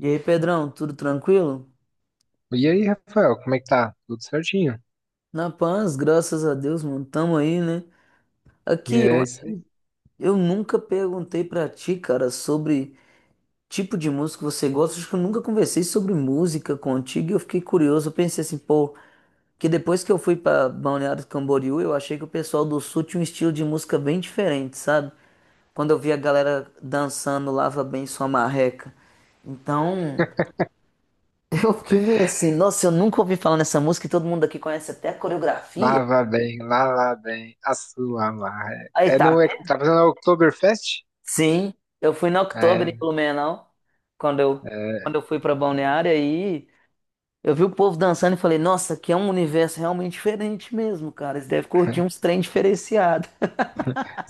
E aí, Pedrão, tudo tranquilo? E aí, Rafael, como é que tá? Tudo certinho? Na paz, graças a Deus, mano, tamo aí, né? Aqui, É isso aí. eu nunca perguntei pra ti, cara, sobre tipo de música que você gosta. Acho que eu nunca conversei sobre música contigo e eu fiquei curioso. Eu pensei assim, pô, que depois que eu fui pra Balneário Camboriú, eu achei que o pessoal do Sul tinha um estilo de música bem diferente, sabe? Quando eu vi a galera dançando Lava Bem Sua Marreca. Então, eu fiquei meio assim, nossa, eu nunca ouvi falar nessa música e todo mundo aqui conhece até a coreografia. Lá, bem, lava bem, a sua marra. Aí, É não tá. é, tá fazendo a Oktoberfest? Sim, eu fui em outubro em É, Blumenau, quando eu, quando é. eu fui pra Balneário, aí eu vi o povo dançando e falei, nossa, aqui é um universo realmente diferente mesmo, cara. Eles devem curtir uns trem diferenciado.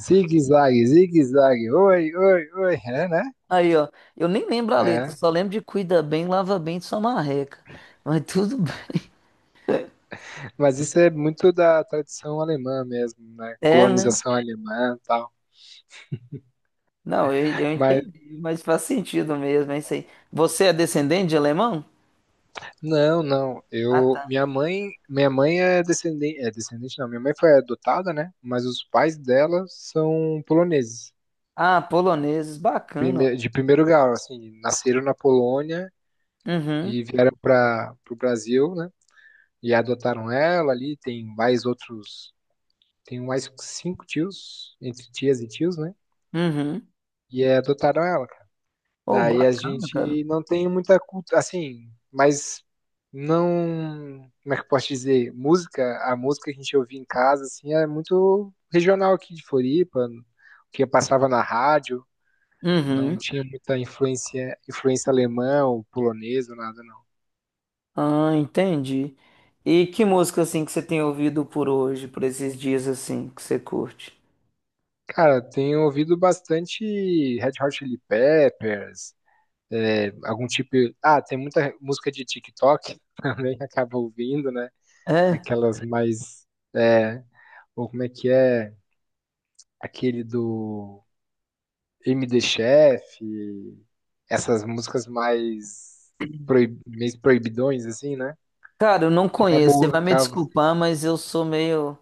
Zigue-zague, zigue-zague, oi, oi, oi, é, né? Aí, ó, eu nem lembro a letra, É, só lembro de cuida bem, lava bem de sua marreca. Mas tudo bem. mas isso é muito da tradição alemã mesmo, né? É, né? Colonização alemã e tal. Não, eu Mas, entendi, mas faz sentido mesmo, é isso aí. Você é descendente de alemão? não, não, Ah, tá. minha mãe é descendente não, minha mãe foi adotada, né? Mas os pais dela são poloneses. Ah, poloneses, bacana. De primeiro grau, assim, nasceram na Polônia Uhum, e vieram para o Brasil, né? E adotaram ela ali, tem mais outros, tem mais cinco tios, entre tias e tios, né? uhum. E adotaram ela, cara. Oh, Daí a bacana, cara. gente não tem muita cultura, assim, mas não, como é que eu posso dizer? Música, a música que a gente ouvia em casa, assim, é muito regional aqui de Floripa, que passava na rádio. Não Uhum. tinha muita influência alemã ou polonesa, nada não. Ah, entendi. E que música assim que você tem ouvido por hoje, por esses dias assim que você curte? Cara, tenho ouvido bastante Red Hot Chili Peppers, é, algum tipo. Ah, tem muita música de TikTok também que acaba ouvindo, né? É, Aquelas mais. É, ou como é que é? Aquele do MD Chef, essas músicas mais meio proibidões, assim, né? cara, eu não Que conheço. Você vai me acaba, desculpar, mas eu sou meio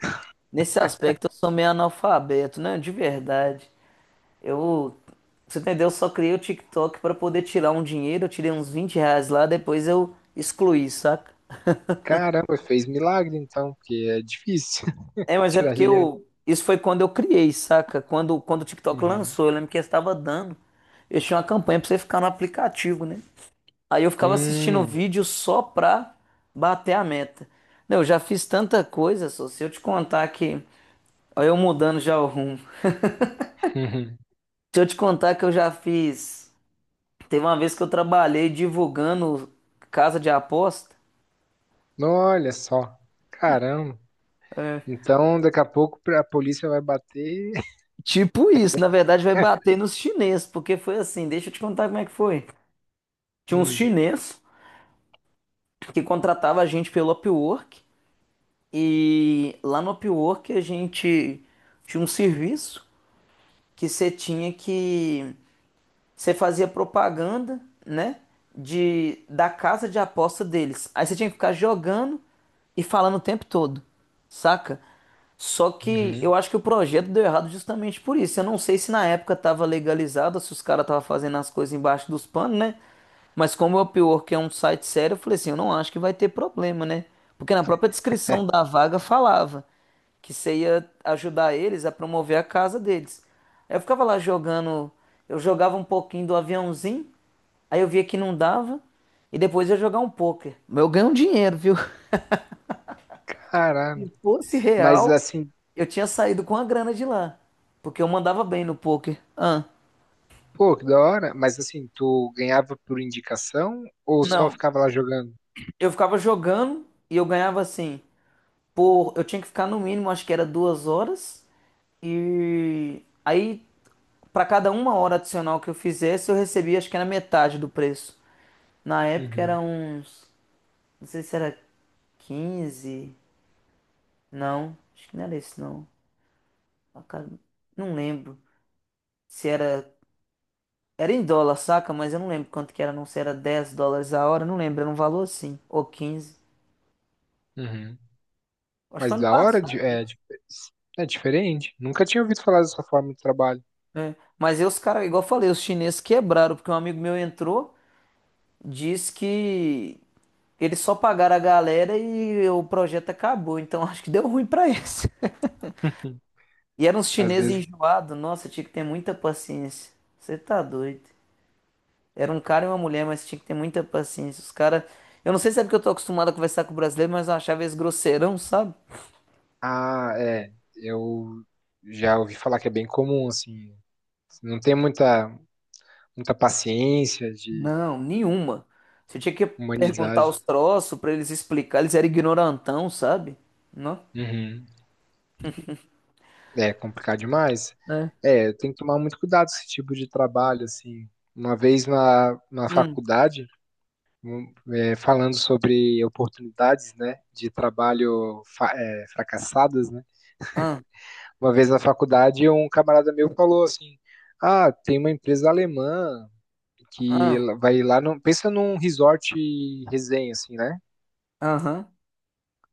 nesse aspecto eu sou meio analfabeto, né? De verdade. Eu, Você entendeu? Eu só criei o TikTok pra poder tirar um dinheiro. Eu tirei uns R$ 20 lá, depois eu excluí, saca? caramba, fez milagre então, porque é difícil. É, mas é Tirar porque dinheiro. eu isso foi quando eu criei, saca? Quando o TikTok Uhum. lançou, eu lembro que eu estava dando. Eu tinha uma campanha pra você ficar no aplicativo, né? Aí eu ficava assistindo o Hum. vídeo só pra bater a meta. Não, eu já fiz tanta coisa, só se eu te contar que. Olha eu mudando já o rumo. Uhum. Se eu te contar que eu já fiz. Teve uma vez que eu trabalhei divulgando casa de aposta. Olha só. Caramba. É. Então, daqui a pouco a polícia vai bater. Tipo isso, na verdade vai bater nos chineses, porque foi assim, deixa eu te contar como é que foi. Tinha uns Hum. chineses que contratava a gente pelo Upwork e lá no Upwork a gente tinha um serviço que você tinha que você fazia propaganda, né? Da casa de aposta deles. Aí você tinha que ficar jogando e falando o tempo todo, saca? Só que Uhum. eu acho que o projeto deu errado justamente por isso. Eu não sei se na época estava legalizado, se os caras estavam fazendo as coisas embaixo dos panos, né? Mas como o Upwork é um site sério, eu falei assim, eu não acho que vai ter problema, né? Porque na própria descrição da vaga falava que você ia ajudar eles a promover a casa deles. Aí eu ficava lá jogando, eu jogava um pouquinho do aviãozinho, aí eu via que não dava, e depois ia jogar um pôquer. Mas eu ganhei um dinheiro, viu? Caramba. Se fosse Mas real, assim, eu tinha saído com a grana de lá, porque eu mandava bem no pôquer. Ah, pô, que da hora. Mas assim, tu ganhava por indicação ou só não, ficava lá jogando? eu ficava jogando e eu ganhava assim, por, eu tinha que ficar no mínimo, acho que era 2 horas, e aí para cada uma hora adicional que eu fizesse, eu recebia acho que era metade do preço. Na época era Uhum, uns. Não sei se era 15. Não, acho que não era esse não. Ah, cara, não lembro. Se era. Era em dólar, saca? Mas eu não lembro quanto que era, não. Se era US$ 10 a hora, não lembro. Era um valor assim. Ou 15. uhum. Acho que Mas foi ano da hora passado. Isso. de- é diferente. Nunca tinha ouvido falar dessa forma de trabalho. É. Mas aí os caras, igual eu falei, os chineses quebraram, porque um amigo meu entrou, disse que eles só pagaram a galera e o projeto acabou. Então acho que deu ruim pra eles. E era uns Às chineses vezes, enjoados. Nossa, tinha que ter muita paciência. Você tá doido. Era um cara e uma mulher, mas tinha que ter muita paciência. Os caras. Eu não sei se é porque eu tô acostumado a conversar com o brasileiro, mas eu achava eles grosseirão, sabe? É, eu já ouvi falar que é bem comum, assim. Não tem muita, Muita paciência de Não, nenhuma. Você tinha que perguntar humanidade. os troços pra eles explicar. Eles eram ignorantão, sabe? Não? Uhum. É complicado demais. É. É, tem que tomar muito cuidado com esse tipo de trabalho, assim. Uma vez na Hum, faculdade, é, falando sobre oportunidades, né, de trabalho é, fracassadas, né? ah, Uma vez na faculdade, um camarada meu falou assim, ah, tem uma empresa alemã que ah, ela vai lá, no, pensa num resort resenha, assim, né? aham,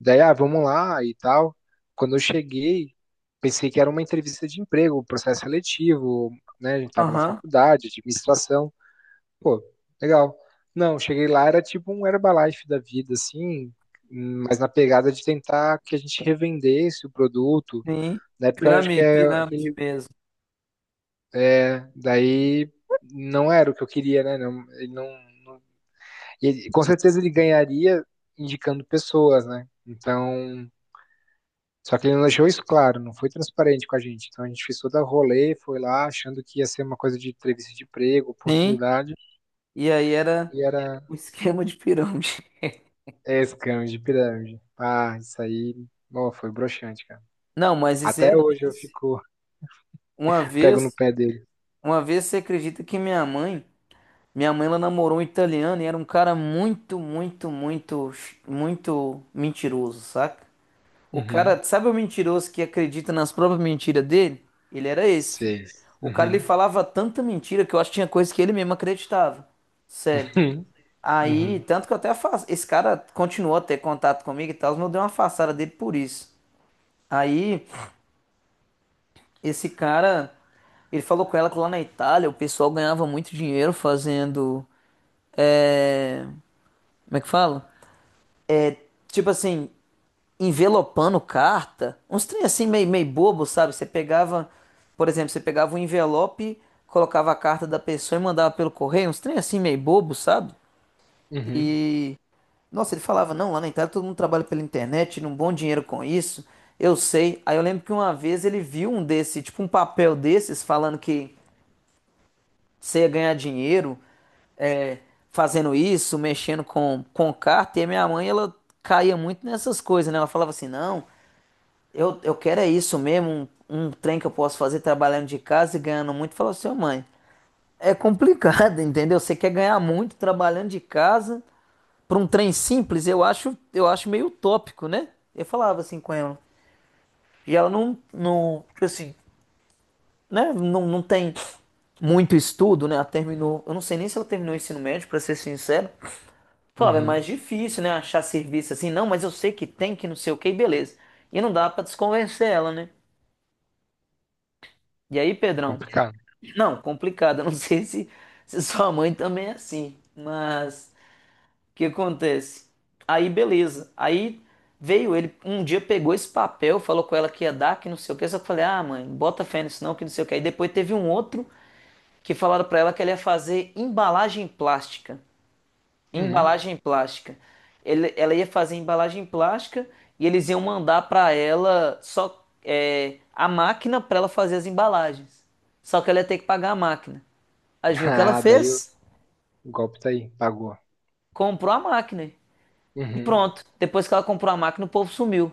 Daí, ah, vamos lá e tal. Quando eu cheguei, pensei que era uma entrevista de emprego, um processo seletivo, né? A gente tava na aham, faculdade, administração. Pô, legal. Não, cheguei lá, era tipo um Herbalife da vida, assim, mas na pegada de tentar que a gente revendesse o produto. sim. Na época, eu acho que Pirâmide, é, pirâmide aquele- mesmo. é, daí não era o que eu queria, né? Não, ele não, não- com certeza ele ganharia indicando pessoas, né? Então, só que ele não deixou isso claro, não foi transparente com a gente. Então a gente fez toda a rolê, foi lá achando que ia ser uma coisa de entrevista de emprego, Sim. oportunidade, E aí era e era um esquema de pirâmide. é, scam de pirâmide. Ah, isso aí, ó, foi broxante, cara. Não, mas isso é Até hoje eu tenso. fico, Uma pego no vez, pé dele. uma vez, você acredita que minha mãe, ela namorou um italiano e era um cara muito, muito, muito, muito mentiroso, saca? O Uhum. cara, sabe o mentiroso que acredita nas próprias mentiras dele? Ele era esse, filho. Sei. O cara ele Uhum. falava tanta mentira que eu acho que tinha coisa que ele mesmo acreditava. Sério. Aí, Uhum. tanto que eu até esse cara continuou a ter contato comigo e tal, mas eu dei uma afastada dele por isso. Aí, esse cara, ele falou com ela que lá na Itália o pessoal ganhava muito dinheiro fazendo. É, como é que fala? Tipo assim, envelopando carta. Uns trem assim meio, meio bobo, sabe? Você pegava, por exemplo, você pegava um envelope, colocava a carta da pessoa e mandava pelo correio. Uns trem assim meio bobo, sabe? Uhum. E. Nossa, ele falava, não, lá na Itália todo mundo trabalha pela internet, tira um bom dinheiro com isso. Eu sei. Aí eu lembro que uma vez ele viu um desse, tipo um papel desses, falando que você ia ganhar dinheiro, é, fazendo isso, mexendo com carta, e a minha mãe, ela caía muito nessas coisas, né? Ela falava assim, não, eu quero é isso mesmo, um trem que eu posso fazer trabalhando de casa e ganhando muito. Eu falava assim, "Ô, mãe, é complicado, entendeu? Você quer ganhar muito trabalhando de casa para um trem simples, eu acho meio utópico, né? Eu falava assim com ela. E ela não, não, tipo assim, né? Não, não tem muito estudo, né? Ela terminou, eu não sei nem se ela terminou o ensino médio, para ser sincero, Uhum. falava, é Uhum. mais difícil, né? Achar serviço assim, não, mas eu sei que tem, que não sei o que, e beleza. E não dá pra desconvencer ela, né? E aí, Pedrão? Complicado. Não, complicado. Eu não sei se, se sua mãe também é assim, mas o que acontece? Aí, beleza. Aí veio ele, um dia pegou esse papel, falou com ela que ia dar, que não sei o que. Só que eu falei, ah, mãe, bota fé nisso não, que não sei o que. Aí depois teve um outro que falaram pra ela que ela ia fazer embalagem plástica. Uhum. Embalagem plástica. Ele- ela ia fazer embalagem plástica e eles iam mandar para ela só a máquina para ela fazer as embalagens. Só que ela ia ter que pagar a máquina. Adivinha o que ela Ah, daí fez? o golpe tá aí, pagou. Comprou a máquina. E Uhum. pronto. Depois que ela comprou a máquina, o povo sumiu.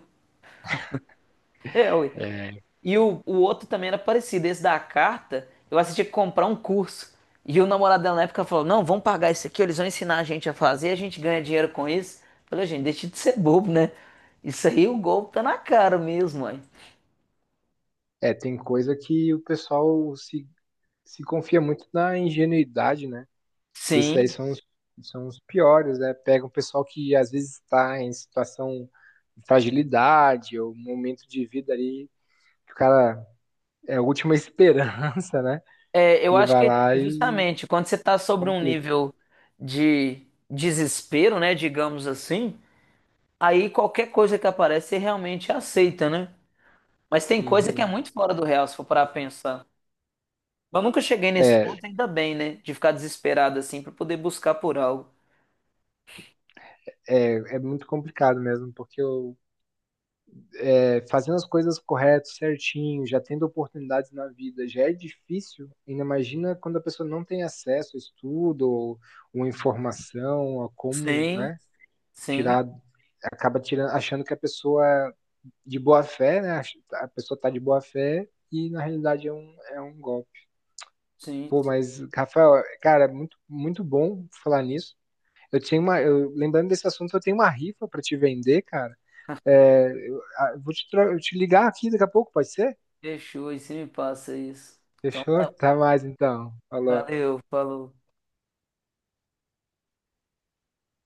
É, ué. É, E o outro também era parecido. Esse da carta, eu assisti que comprar um curso. E o namorado dela na época falou: Não, vamos pagar isso aqui, eles vão ensinar a gente a fazer, a gente ganha dinheiro com isso. Eu falei, gente, deixa de ser bobo, né? Isso aí o golpe tá na cara mesmo, mãe. Tem coisa que o pessoal se, se confia muito na ingenuidade, né? Esses Sim, são os piores, né? Pega um pessoal que às vezes está em situação de fragilidade ou um momento de vida ali que o cara é a última esperança, né? é, eu E acho vai que lá é e justamente quando você tá sobre um complica. nível de desespero, né, digamos assim, aí qualquer coisa que aparece você realmente aceita, né? Mas tem coisa que é Uhum. muito fora do real, se for parar pra pensar. Mas nunca cheguei nesse É, ponto, ainda bem, né? De ficar desesperado assim pra poder buscar por algo. É muito complicado mesmo, é, fazendo as coisas corretas, certinho, já tendo oportunidades na vida, já é difícil. Ainda imagina quando a pessoa não tem acesso a estudo ou informação, a como, Sim, né, sim, tirar acaba tirando, achando que a pessoa é de boa fé, né? A pessoa tá de boa fé e na realidade é é um golpe. sim, Pô, sim. mas, Rafael, cara, muito bom falar nisso. Eu tinha uma. Lembrando desse assunto, eu tenho uma rifa para te vender, cara. É, eu, ah, eu vou te, Eu te ligar aqui daqui a pouco, pode ser? Fechou, e se me passa isso. Então Fechou? tá, Tá mais então. Falou. valeu, falou.